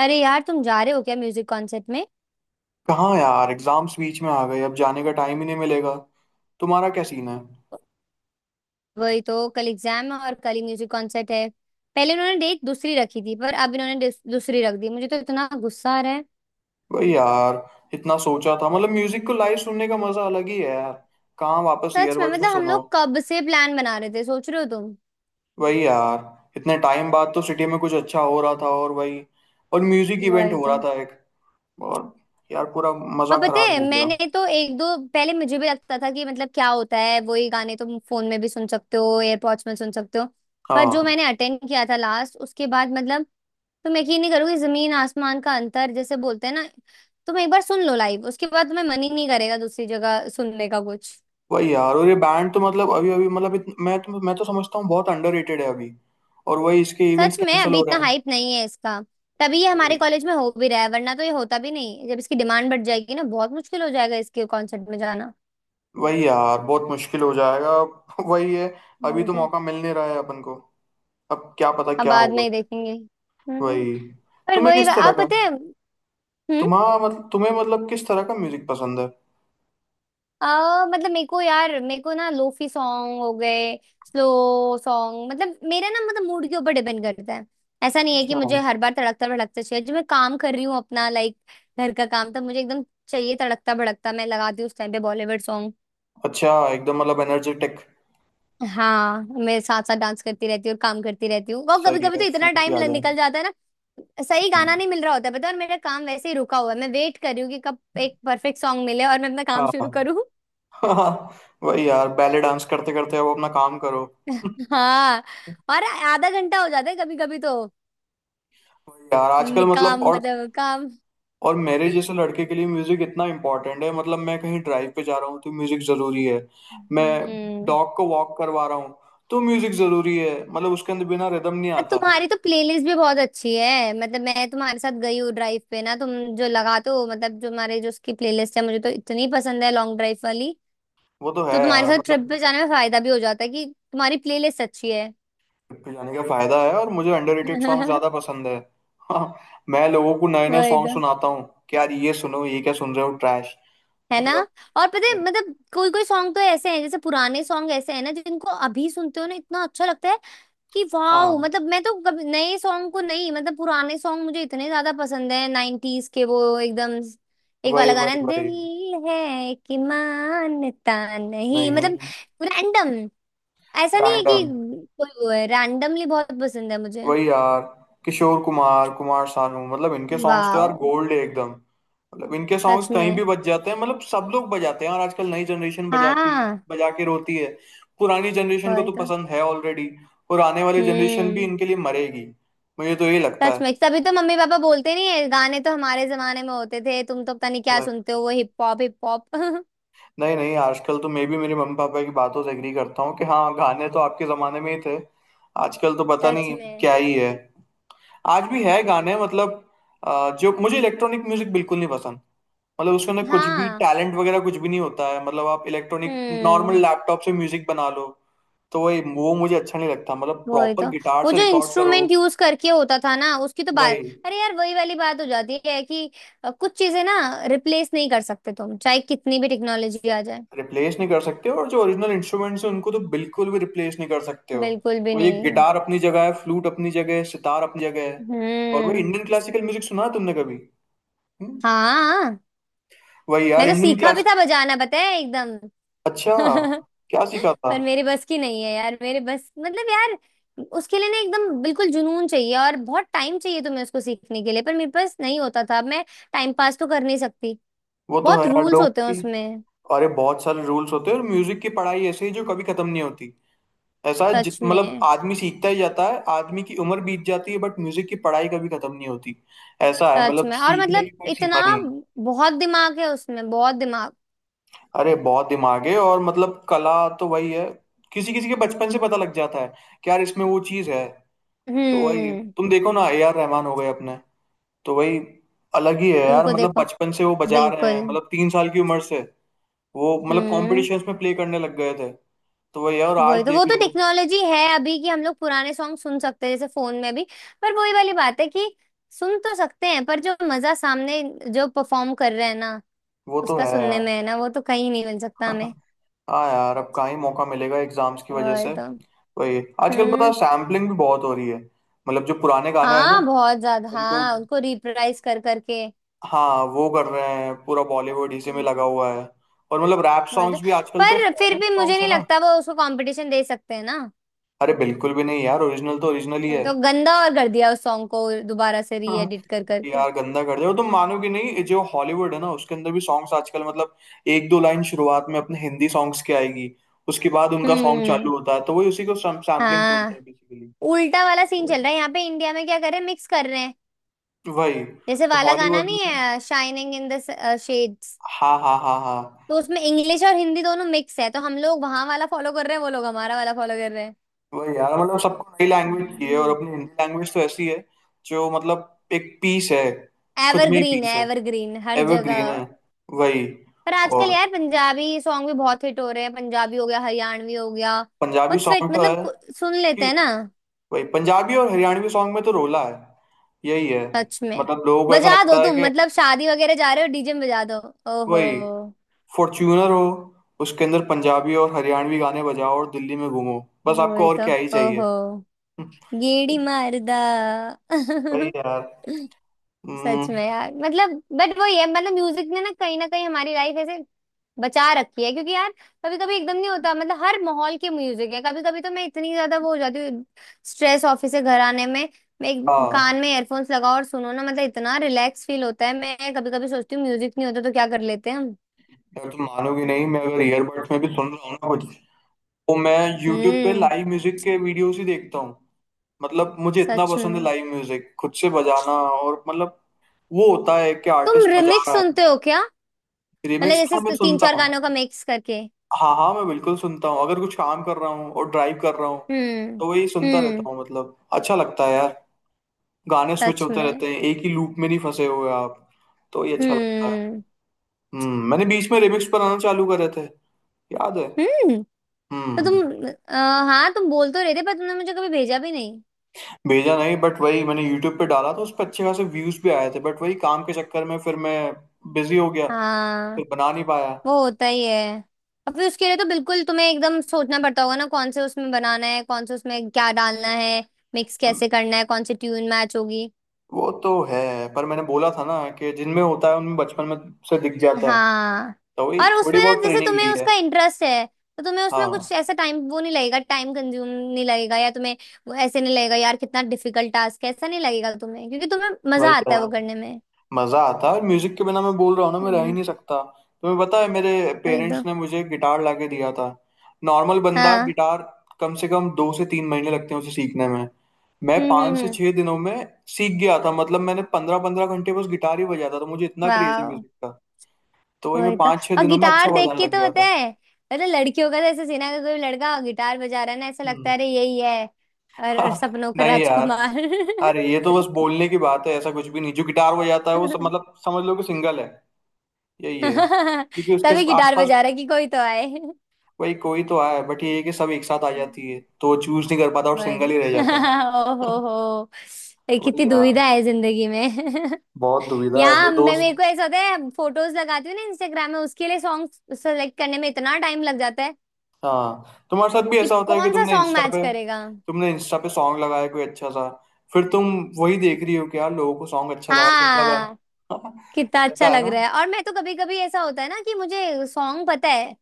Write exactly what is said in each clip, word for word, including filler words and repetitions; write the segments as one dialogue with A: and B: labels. A: अरे यार तुम जा रहे हो क्या म्यूजिक कॉन्सर्ट में?
B: कहाँ यार एग्जाम्स बीच में आ गए अब जाने का टाइम ही नहीं मिलेगा। तुम्हारा क्या सीन है।
A: वही तो। कल एग्जाम है और कल ही म्यूजिक कॉन्सर्ट है। पहले इन्होंने डेट दूसरी रखी थी पर अब इन्होंने डिस- दूसरी रख दी। मुझे तो इतना गुस्सा आ रहा है।
B: भाई यार इतना सोचा था मतलब म्यूजिक को लाइव सुनने का मजा अलग ही है यार। कहाँ वापस
A: सच में,
B: ईयरबड्स में
A: मतलब हम
B: सुनो।
A: लोग कब से प्लान बना रहे थे, सोच रहे हो तुम।
B: वही यार इतने टाइम बाद तो सिटी में कुछ अच्छा हो रहा था और वही और म्यूजिक इवेंट
A: वही
B: हो
A: तो।
B: रहा था एक और यार पूरा मजा
A: और पता
B: खराब
A: है,
B: हो गया।
A: मैंने तो एक दो पहले मुझे भी लगता था कि मतलब क्या होता है, वही गाने तुम फोन में भी सुन सकते हो, एयरपॉड्स में सुन सकते हो। पर जो
B: हाँ।
A: मैंने अटेंड किया था लास्ट, उसके बाद मतलब, तुम यकीन नहीं करोगे। जमीन आसमान का अंतर, जैसे बोलते हैं ना। तुम एक बार सुन लो लाइव, उसके बाद तुम्हें मन ही नहीं करेगा दूसरी जगह सुनने का कुछ।
B: वही यार और ये बैंड तो मतलब अभी अभी मतलब इत, मैं तो मैं तो समझता हूँ बहुत अंडररेटेड है अभी। और वही इसके इवेंट्स
A: सच में
B: कैंसिल
A: अभी
B: हो
A: इतना
B: रहे
A: हाइप नहीं है इसका। तभी ये हमारे
B: हैं।
A: कॉलेज में हो भी रहा है, वरना तो ये होता भी नहीं। जब इसकी डिमांड बढ़ जाएगी ना, बहुत मुश्किल हो जाएगा इसके कॉन्सर्ट में जाना।
B: वही यार बहुत मुश्किल हो जाएगा वही है। अभी
A: और
B: तो
A: तो।
B: मौका मिल नहीं रहा है अपन को। अब क्या पता
A: अब
B: क्या
A: बाद
B: होगा।
A: में ही देखेंगे। हम्म।
B: वही।
A: पर
B: तुम्हें
A: वही
B: किस तरह
A: अब
B: का
A: पता है। हम्म।
B: तुम्हारा मतलब तुम्हें मतलब किस तरह का म्यूजिक पसंद है।
A: आ, मतलब मेरे को यार, मेरे को ना लोफी सॉन्ग हो गए, स्लो सॉन्ग। मतलब मेरा ना, मतलब मूड के ऊपर डिपेंड करता है। ऐसा नहीं है कि
B: अच्छा।
A: मुझे हर बार तड़कता भड़कता चाहिए। जब मैं काम कर रही हूँ अपना, लाइक घर का काम, तब मुझे एकदम चाहिए तड़कता भड़कता। मैं लगाती हूँ उस टाइम पे बॉलीवुड सॉन्ग।
B: अच्छा एकदम मतलब एनर्जेटिक।
A: हाँ, मैं साथ साथ डांस करती रहती हूँ और काम करती रहती हूँ। और कभी
B: सही
A: कभी
B: है
A: तो इतना
B: फुर्ती
A: टाइम
B: आ जाए।
A: निकल जाता है ना, सही गाना
B: हम्म।
A: नहीं मिल रहा होता है पता है। और मेरा काम वैसे ही रुका हुआ है, मैं वेट कर रही हूँ कि कब एक परफेक्ट सॉन्ग मिले और मैं अपना काम शुरू
B: हाँ।
A: करूँ।
B: हाँ वही यार बैले डांस करते करते अब अपना काम करो।
A: हाँ। और आधा घंटा हो जाता है कभी कभी तो।
B: वही यार आजकल
A: नि-
B: मतलब
A: काम
B: और।
A: मतलब काम।
B: और मेरे जैसे लड़के के लिए म्यूजिक इतना इम्पोर्टेंट है मतलब मैं कहीं ड्राइव पे जा रहा हूँ तो म्यूजिक जरूरी है। मैं
A: हम्म।
B: डॉग को वॉक करवा रहा हूँ तो म्यूजिक जरूरी है मतलब उसके अंदर बिना रिदम नहीं
A: पर
B: आता।
A: तुम्हारी तो प्लेलिस्ट भी बहुत अच्छी है। मतलब मैं तुम्हारे साथ गई हूँ ड्राइव पे ना, तुम जो लगाते हो, मतलब जो हमारे, जो उसकी प्लेलिस्ट है, मुझे तो इतनी पसंद है लॉन्ग ड्राइव वाली।
B: वो तो है
A: तो तुम्हारे
B: यार
A: साथ ट्रिप
B: मतलब।
A: पे जाने में फायदा भी हो जाता है कि तुम्हारी प्लेलिस्ट अच्छी है।
B: ट्रिप पे जाने का फायदा है और मुझे अंडररेटेड सॉन्ग ज्यादा पसंद है हाँ। मैं लोगों को नए नए
A: वही
B: सॉन्ग
A: तो।
B: सुनाता हूँ कि यार ये सुनो ये क्या सुन रहे हो ट्रैश।
A: है ना।
B: मतलब।
A: और पता है मतलब, कोई कोई सॉन्ग तो ऐसे हैं, जैसे पुराने सॉन्ग ऐसे हैं ना, जिनको अभी सुनते हो ना इतना अच्छा लगता है कि
B: हाँ
A: वाह। मतलब मैं तो कभी नए सॉन्ग को नहीं, मतलब पुराने सॉन्ग मुझे इतने ज्यादा पसंद है, नाइनटीज के वो एकदम एक
B: वही
A: वाला गाना
B: वही
A: है,
B: वही।
A: दिल है कि मानता नहीं, मतलब
B: नहीं।
A: रैंडम। ऐसा नहीं है कि
B: रैंडम।
A: कोई वो है, रैंडमली बहुत पसंद है मुझे।
B: वही यार किशोर कुमार कुमार सानू मतलब इनके सॉन्ग्स तो यार
A: वाह।
B: गोल्ड है एकदम मतलब इनके सॉन्ग्स
A: सच
B: कहीं
A: में।
B: भी बज जाते हैं मतलब सब लोग बजाते हैं और आजकल नई जनरेशन बजाती है
A: हाँ।
B: बजा के रोती है। पुरानी जनरेशन को
A: वही
B: तो
A: तो।
B: पसंद है ऑलरेडी। और आने वाली जनरेशन भी
A: हम्म।
B: इनके लिए मरेगी। मुझे तो ये लगता
A: सच में,
B: है।
A: सभी तो मम्मी पापा बोलते नहीं है, गाने तो हमारे जमाने में होते थे। तुम तो पता नहीं क्या
B: वही।
A: सुनते हो, वो हिप हॉप हिप हॉप।
B: नहीं नहीं आजकल तो मैं भी मेरे मम्मी पापा की बातों से एग्री करता हूँ कि हाँ गाने तो आपके जमाने में ही थे। आजकल तो पता
A: सच
B: नहीं
A: में।
B: क्या ही है। आज भी है गाने मतलब। अ, जो मुझे इलेक्ट्रॉनिक म्यूजिक बिल्कुल नहीं पसंद। मतलब उसके अंदर कुछ भी
A: हाँ।
B: टैलेंट वगैरह कुछ भी नहीं होता है मतलब आप इलेक्ट्रॉनिक नॉर्मल
A: हम्म।
B: लैपटॉप से म्यूजिक बना लो। तो वही वो मुझे अच्छा नहीं लगता मतलब
A: वही
B: प्रॉपर
A: तो।
B: गिटार
A: वो
B: से
A: जो
B: रिकॉर्ड करो।
A: इंस्ट्रूमेंट यूज करके होता था ना, उसकी तो बात।
B: भाई।
A: अरे यार वही वाली बात हो जाती है कि अ, कुछ चीजें ना रिप्लेस नहीं कर सकते, तुम चाहे कितनी भी टेक्नोलॉजी आ जाए।
B: रिप्लेस नहीं कर सकते और जो ओरिजिनल इंस्ट्रूमेंट्स हैं उनको तो बिल्कुल भी रिप्लेस नहीं कर सकते हो।
A: बिल्कुल भी
B: वो ये
A: नहीं।
B: गिटार अपनी जगह है फ्लूट अपनी जगह है सितार अपनी जगह है। और वही
A: हम्म।
B: इंडियन क्लासिकल म्यूजिक सुना है तुमने कभी। हम्म?
A: हाँ।
B: वही
A: मैं
B: यार
A: तो
B: इंडियन
A: सीखा भी
B: क्लास।
A: था बजाना, पता है एकदम।
B: अच्छा। क्या सीखा था।
A: पर मेरे बस की नहीं है यार। मेरे बस, मतलब यार उसके लिए ना एकदम बिल्कुल जुनून चाहिए और बहुत टाइम चाहिए तुम्हें उसको सीखने के लिए। पर मेरे पास नहीं होता था। मैं टाइम पास तो कर नहीं सकती।
B: वो तो है
A: बहुत
B: यार
A: रूल्स
B: लोग
A: होते हैं
B: की।
A: उसमें।
B: अरे बहुत सारे रूल्स होते हैं और म्यूजिक की पढ़ाई ऐसे ही जो कभी खत्म नहीं होती। ऐसा जित
A: सच
B: मतलब
A: में।
B: आदमी सीखता ही जाता है आदमी की उम्र बीत जाती है बट म्यूजिक की पढ़ाई कभी खत्म नहीं होती। ऐसा है
A: सच
B: मतलब
A: में। और
B: सीखने
A: मतलब
B: की कोई
A: इतना,
B: सीमा नहीं है।
A: बहुत दिमाग है उसमें, बहुत दिमाग।
B: अरे बहुत दिमाग है और मतलब कला तो वही है। किसी किसी के बचपन से पता लग जाता है कि यार इसमें वो चीज है। तो वही
A: हम्म।
B: तुम देखो ना ए आर रहमान हो गए अपने। तो वही। अलग ही है यार
A: उनको
B: मतलब
A: देखो।
B: बचपन से वो बजा रहे हैं
A: बिल्कुल।
B: मतलब तीन साल की उम्र से। वो मतलब
A: हम्म।
B: कॉम्पिटिशन्स में प्ले करने लग गए थे। तो वही है, और आज
A: वही तो। वो
B: देख
A: तो
B: लो।
A: टेक्नोलॉजी है अभी कि हम लोग पुराने सॉन्ग सुन सकते हैं जैसे फोन में भी। पर वही वाली बात है कि सुन तो सकते हैं, पर जो मजा सामने जो परफॉर्म कर रहे हैं ना
B: वो तो
A: उसका
B: है
A: सुनने
B: यार।
A: में है ना, वो तो कहीं नहीं मिल सकता हमें।
B: हाँ यार अब कहाँ ही मौका मिलेगा एग्जाम्स की वजह
A: और
B: से।
A: तो।
B: वही। आजकल पता है
A: हम्म।
B: सैम्पलिंग भी बहुत हो रही है। मतलब जो पुराने गाने हैं ना
A: हाँ, बहुत ज्यादा।
B: उनको।
A: हाँ, उनको रिप्राइज कर करके।
B: हाँ वो कर रहे हैं पूरा बॉलीवुड इसी में
A: हम्म।
B: लगा हुआ है। और मतलब रैप
A: वही तो।
B: सॉन्ग्स भी आजकल तो
A: पर फिर
B: फॉरेन के
A: भी मुझे
B: सॉन्ग्स है
A: नहीं
B: ना।
A: लगता वो उसको कंपटीशन दे सकते हैं ना।
B: अरे बिल्कुल भी नहीं यार ओरिजिनल तो ओरिजिनल ही
A: वही
B: है
A: तो, गंदा और कर दिया उस सॉन्ग को, दोबारा से
B: हाँ।
A: रीएडिट कर करके।
B: यार गंदा कर दिया और तुम मानोगे नहीं जो हॉलीवुड है ना उसके अंदर भी सॉन्ग्स आजकल मतलब एक दो लाइन शुरुआत में अपने हिंदी सॉन्ग्स की आएगी। उसके बाद उनका सॉन्ग
A: हम्म।
B: चालू होता है तो वही उसी को सैम्पलिंग बोलते
A: हाँ।
B: हैं बेसिकली।
A: उल्टा वाला सीन चल रहा है, यहाँ पे इंडिया में क्या कर रहे हैं, मिक्स कर रहे हैं।
B: वही
A: जैसे
B: और
A: वाला गाना
B: हॉलीवुड
A: नहीं
B: में।
A: है, शाइनिंग इन द शेड्स।
B: हाँ हाँ हाँ हाँ।
A: तो उसमें इंग्लिश और हिंदी दोनों मिक्स है। तो हम लोग वहां वाला फॉलो कर रहे हैं, वो लोग हमारा वाला फॉलो कर रहे हैं।
B: वही यार मतलब सबको नई लैंग्वेज चाहिए और
A: हम्म।
B: अपनी हिंदी लैंग्वेज तो ऐसी है जो मतलब एक पीस है। खुद में ही
A: एवरग्रीन है।
B: पीस है।
A: एवरग्रीन हर जगह।
B: एवरग्रीन है। वही
A: पर आजकल
B: और
A: यार पंजाबी सॉन्ग भी बहुत हिट हो रहे हैं। पंजाबी हो गया, हरियाणवी हो गया,
B: पंजाबी
A: बहुत फिट।
B: सॉन्ग तो है
A: मतलब कु- सुन लेते
B: कि
A: हैं ना।
B: वही पंजाबी और हरियाणवी सॉन्ग में तो रोला है। यही है
A: सच में।
B: मतलब लोगों को ऐसा
A: बजा दो
B: लगता है
A: तुम,
B: कि
A: मतलब शादी वगैरह जा रहे हो, डीजे में बजा दो। ओहो।
B: वही। फॉर्च्यूनर हो उसके अंदर पंजाबी और हरियाणवी गाने बजाओ और दिल्ली में घूमो। बस आपको
A: वही
B: और
A: तो।
B: क्या ही चाहिए।
A: ओहो। गेड़ी मारदा।
B: वही यार।
A: सच
B: हम्म।
A: में यार, मतलब बट वो ये, मतलब म्यूजिक ने ना कहीं ना कहीं हमारी लाइफ ऐसे बचा रखी है। क्योंकि यार कभी कभी एकदम नहीं होता, मतलब हर माहौल के म्यूजिक है। कभी कभी तो मैं इतनी ज्यादा वो हो जाती हूँ, स्ट्रेस, ऑफिस से घर आने में। मैं एक-
B: हाँ
A: कान में एयरफोन्स लगाओ और सुनो ना, मतलब इतना रिलैक्स फील होता है। मैं कभी कभी सोचती हूँ म्यूजिक नहीं होता तो क्या कर लेते हैं हम।
B: यार तुम मानोगे नहीं मैं अगर ईयरबड्स में भी सुन रहा हूँ ना कुछ तो मैं यूट्यूब पे
A: हम्म।
B: लाइव म्यूजिक के वीडियोस ही देखता हूँ। मतलब मुझे इतना
A: सच
B: पसंद है
A: में।
B: लाइव म्यूजिक खुद से बजाना और मतलब। वो होता है कि
A: तुम
B: आर्टिस्ट बजा
A: रिमिक्स
B: रहा है।
A: सुनते हो क्या?
B: रिमिक्स
A: मतलब
B: हाँ मैं
A: जैसे तीन
B: सुनता
A: चार
B: हूँ।
A: गानों का मिक्स करके।
B: हाँ हाँ मैं बिल्कुल सुनता हूँ अगर कुछ काम कर रहा हूँ और ड्राइव कर रहा हूँ।
A: हम्म।
B: तो वही सुनता
A: हम्म।
B: रहता हूँ मतलब अच्छा लगता है यार। गाने स्विच
A: सच
B: होते
A: में।
B: रहते हैं एक ही लूप में नहीं फंसे हुए आप। तो ये अच्छा लगता है।
A: हम्म।
B: हम्म मैंने बीच में रिमिक्स पर आना चालू करे थे। याद है।
A: हम्म। तो
B: हम्म।
A: तुम अ, हाँ, तुम बोल तो रहे थे, पर तुमने मुझे कभी भेजा भी नहीं।
B: भेजा नहीं बट वही मैंने यूट्यूब पे डाला तो उस पर अच्छे खासे व्यूज भी आए थे बट वही काम के चक्कर में फिर मैं बिजी हो गया। फिर
A: हाँ।
B: बना नहीं पाया।
A: वो होता ही है। अब फिर उसके लिए तो बिल्कुल तुम्हें एकदम सोचना पड़ता होगा ना, कौन से उसमें बनाना है, कौन से उसमें क्या डालना है, मिक्स कैसे करना है, कौन सी ट्यून मैच होगी।
B: वो तो है पर मैंने बोला था ना कि जिनमें होता है उनमें बचपन में से दिख जाता है।
A: हाँ।
B: तो वही
A: और
B: थोड़ी
A: उसमें ना,
B: बहुत
A: जैसे
B: ट्रेनिंग
A: तुम्हें
B: ली है।
A: उसका इंटरेस्ट है तो तुम्हें उसमें
B: हाँ
A: कुछ ऐसा टाइम वो नहीं लगेगा, टाइम कंज्यूम नहीं लगेगा, या तुम्हें वो ऐसे नहीं लगेगा यार कितना डिफिकल्ट टास्क है, ऐसा नहीं लगेगा तुम्हें, क्योंकि तुम्हें मजा
B: वही
A: आता है
B: यार
A: वो करने में।
B: मजा आता है और म्यूजिक के बिना मैं बोल रहा हूँ ना मैं रह ही
A: हम्म।
B: नहीं सकता। तुम्हें पता है मेरे
A: वही
B: पेरेंट्स
A: तो।
B: ने मुझे गिटार लाके दिया था। नॉर्मल बंदा
A: हाँ।
B: गिटार कम से कम दो से तीन महीने लगते हैं उसे सीखने में। मैं
A: हम्म। हम्म।
B: पाँच से
A: हम्म।
B: छह दिनों में सीख गया था मतलब मैंने पंद्रह पंद्रह घंटे बस गिटार ही बजाता था तो मुझे इतना क्रेज है
A: वाह।
B: म्यूजिक का। तो वही मैं
A: वही तो।
B: पाँच छह
A: और
B: दिनों में अच्छा
A: गिटार देख
B: बजाने
A: के
B: लग
A: तो
B: गया
A: होता
B: था।
A: है, मतलब लड़कियों का तो ऐसे सीना का, कोई लड़का गिटार बजा रहा है ना, ऐसा लगता
B: हम्म।
A: है अरे यही है, और सपनों का
B: नहीं यार
A: राजकुमार।
B: अरे ये तो बस बोलने की बात है ऐसा कुछ भी नहीं जो गिटार बजाता है वो सब मतलब समझ लो कि सिंगल है यही है क्योंकि
A: तभी
B: उसके
A: गिटार
B: आसपास।
A: बजा रहा है कि कोई तो आए।
B: वही कोई तो है बट ये है कि सब एक साथ आ जाती है तो चूज नहीं कर पाता और सिंगल ही
A: बस।
B: रह जाता है।
A: ओ हो हो। ये कितनी
B: वही
A: दुविधा
B: यार
A: है जिंदगी में।
B: बहुत दुविधा है
A: यहाँ
B: मेरे
A: मैं, मेरे
B: दोस्त।
A: को ऐसा होता है, फोटोज लगाती हूँ ना इंस्टाग्राम में, उसके लिए सॉन्ग सेलेक्ट करने में इतना टाइम लग जाता है
B: हाँ तुम्हारे साथ भी
A: कि
B: ऐसा होता है कि
A: कौन सा
B: तुमने
A: सॉन्ग
B: इंस्टा
A: मैच
B: पे
A: करेगा।
B: तुमने इंस्टा पे सॉन्ग लगाया कोई अच्छा सा। फिर तुम वही देख रही हो कि यार लोगों को सॉन्ग अच्छा लगा कि नहीं लगा
A: हाँ। कितना अच्छा
B: रहता है
A: लग
B: ना।
A: रहा है। और मैं तो कभी कभी ऐसा होता है ना कि मुझे सॉन्ग पता है,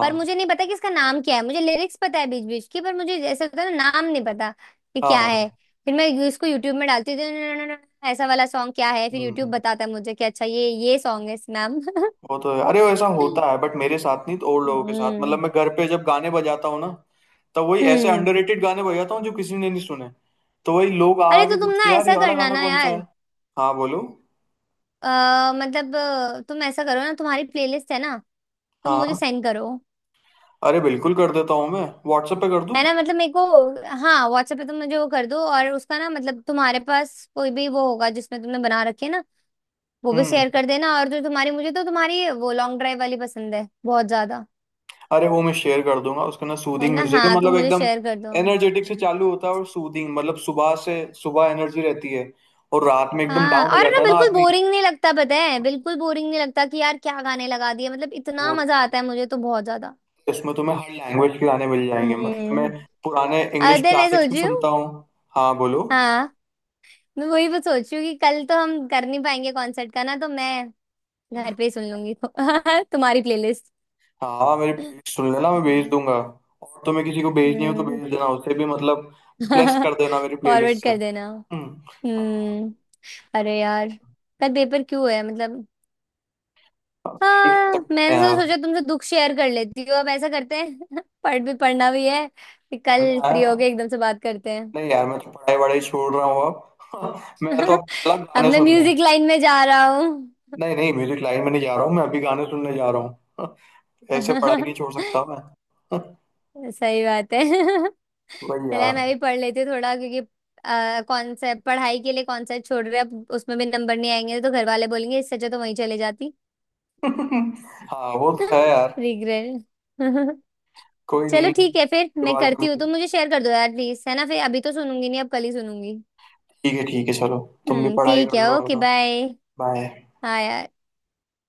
A: पर मुझे नहीं पता कि इसका नाम क्या है। मुझे लिरिक्स पता है बीच बीच की, पर मुझे ऐसा होता है ना, नाम नहीं पता कि क्या
B: हाँ।
A: है। फिर मैं यू- इसको यूट्यूब में डालती हूँ, "न- न- न- न- ऐसा वाला सॉन्ग क्या है।" फिर यूट्यूब
B: हम्म।
A: बताता है मुझे कि अच्छा, ये ये सॉन्ग है इस नाम।
B: वो तो है अरे वो ऐसा होता है बट मेरे साथ नहीं तो और लोगों के साथ मतलब
A: हम्म।
B: मैं घर पे जब गाने बजाता हूँ ना। तब वही ऐसे
A: हम्म।
B: अंडररेटेड गाने बजाता हूँ जो किसी ने नहीं सुने। तो वही लोग
A: अरे तो
B: आके
A: तुम
B: पूछते
A: ना
B: हैं, यार
A: ऐसा
B: ये वाला
A: करना
B: गाना
A: ना
B: कौन सा
A: यार।
B: है। हाँ बोलो।
A: अ, मतलब अ, तुम ऐसा करो ना, तुम्हारी प्लेलिस्ट है ना, तुम मुझे
B: हाँ।
A: सेंड करो।
B: अरे बिल्कुल कर देता हूँ मैं व्हाट्सएप पे कर
A: है
B: दूँ।
A: ना, मतलब मेरे को। हाँ, व्हाट्सएप पे तुम मुझे वो कर दो, और उसका ना, मतलब तुम्हारे पास कोई भी वो होगा जिसमें तुमने बना रखे ना, वो भी
B: हम्म।
A: शेयर कर देना। और जो तुम्हारी, मुझे तो तुम्हारी वो लॉन्ग ड्राइव वाली पसंद है बहुत ज्यादा।
B: अरे वो मैं शेयर कर दूंगा उसका ना
A: है
B: सूदिंग
A: ना।
B: म्यूजिक है
A: हाँ, तुम
B: मतलब
A: मुझे
B: एकदम।
A: शेयर कर दो।
B: एनर्जेटिक से चालू होता है और सूदिंग मतलब सुबह से सुबह एनर्जी रहती है। और रात में एकदम
A: हाँ,
B: डाउन हो
A: और ना
B: जाता है ना
A: बिल्कुल
B: आदमी।
A: बोरिंग नहीं लगता पता है, बिल्कुल बोरिंग नहीं लगता कि यार क्या गाने लगा दिए। मतलब इतना
B: वो
A: मजा आता है मुझे तो, बहुत ज्यादा।
B: इसमें तुम्हें हर लैंग्वेज के गाने मिल जाएंगे मतलब मैं
A: हम्म।
B: पुराने इंग्लिश
A: अरे मैं
B: क्लासिक्स
A: सोच
B: भी
A: रही हूँ।
B: सुनता हूँ। हाँ बोलो।
A: हाँ। मैं वही बस सोच रही हूँ कि कल तो हम कर नहीं पाएंगे कॉन्सर्ट का ना, तो मैं घर पे ही सुन लूंगी तुम्हारी प्लेलिस्ट।
B: हाँ। मेरी
A: हम्म।
B: प्लेलिस्ट सुन लेना मैं भेज दूंगा। और तुम्हें किसी को भेजनी हो तो भेज देना उसे भी मतलब। ब्लेस कर देना मेरी
A: फॉरवर्ड
B: प्लेलिस्ट से।
A: कर देना।
B: हम्म। हाँ।
A: हम्म। अरे यार, कल पेपर क्यों है मतलब।
B: ट्राई कर
A: हाँ,
B: सकते
A: मैंने
B: हैं
A: तो
B: यार।
A: सोचा तुमसे दुख शेयर कर लेती हूँ। अब ऐसा करते हैं पढ़ भी, पढ़ना भी है, कि कल
B: पढ़ना
A: फ्री
B: है।
A: होके एकदम से बात करते हैं।
B: नहीं यार मैं तो पढ़ाई वढ़ाई छोड़ रहा हूँ अब मैं तो अब अलग
A: अब
B: गाने
A: मैं
B: सुनने हैं।
A: म्यूजिक लाइन में जा रहा हूँ।
B: नहीं नहीं म्यूजिक लाइन में नहीं जा रहा हूँ मैं अभी गाने सुनने जा रहा हूँ। ऐसे पढ़ाई नहीं छोड़ सकता मैं।
A: सही बात है।
B: वही
A: चला,
B: यार।
A: मैं भी पढ़ लेती हूँ थोड़ा, क्योंकि कॉन्सेप्ट, पढ़ाई के लिए कॉन्सेप्ट छोड़ रहे हैं, अब उसमें भी नंबर नहीं आएंगे तो घर वाले बोलेंगे इससे अच्छा तो वहीं चले जाती।
B: हाँ वो तो है यार।
A: रिग्रेट।
B: कोई
A: चलो
B: नहीं
A: ठीक है, फिर
B: अगली
A: मैं
B: बार
A: करती हूँ।
B: कभी।
A: तुम मुझे शेयर कर दो यार प्लीज, है ना। फिर अभी तो सुनूंगी नहीं, अब कल ही सुनूंगी।
B: ठीक है ठीक है चलो। तुम भी
A: हम्म,
B: पढ़ाई
A: ठीक
B: कर
A: है।
B: लो
A: ओके,
B: अपना।
A: बाय।
B: बाय।
A: हाँ यार।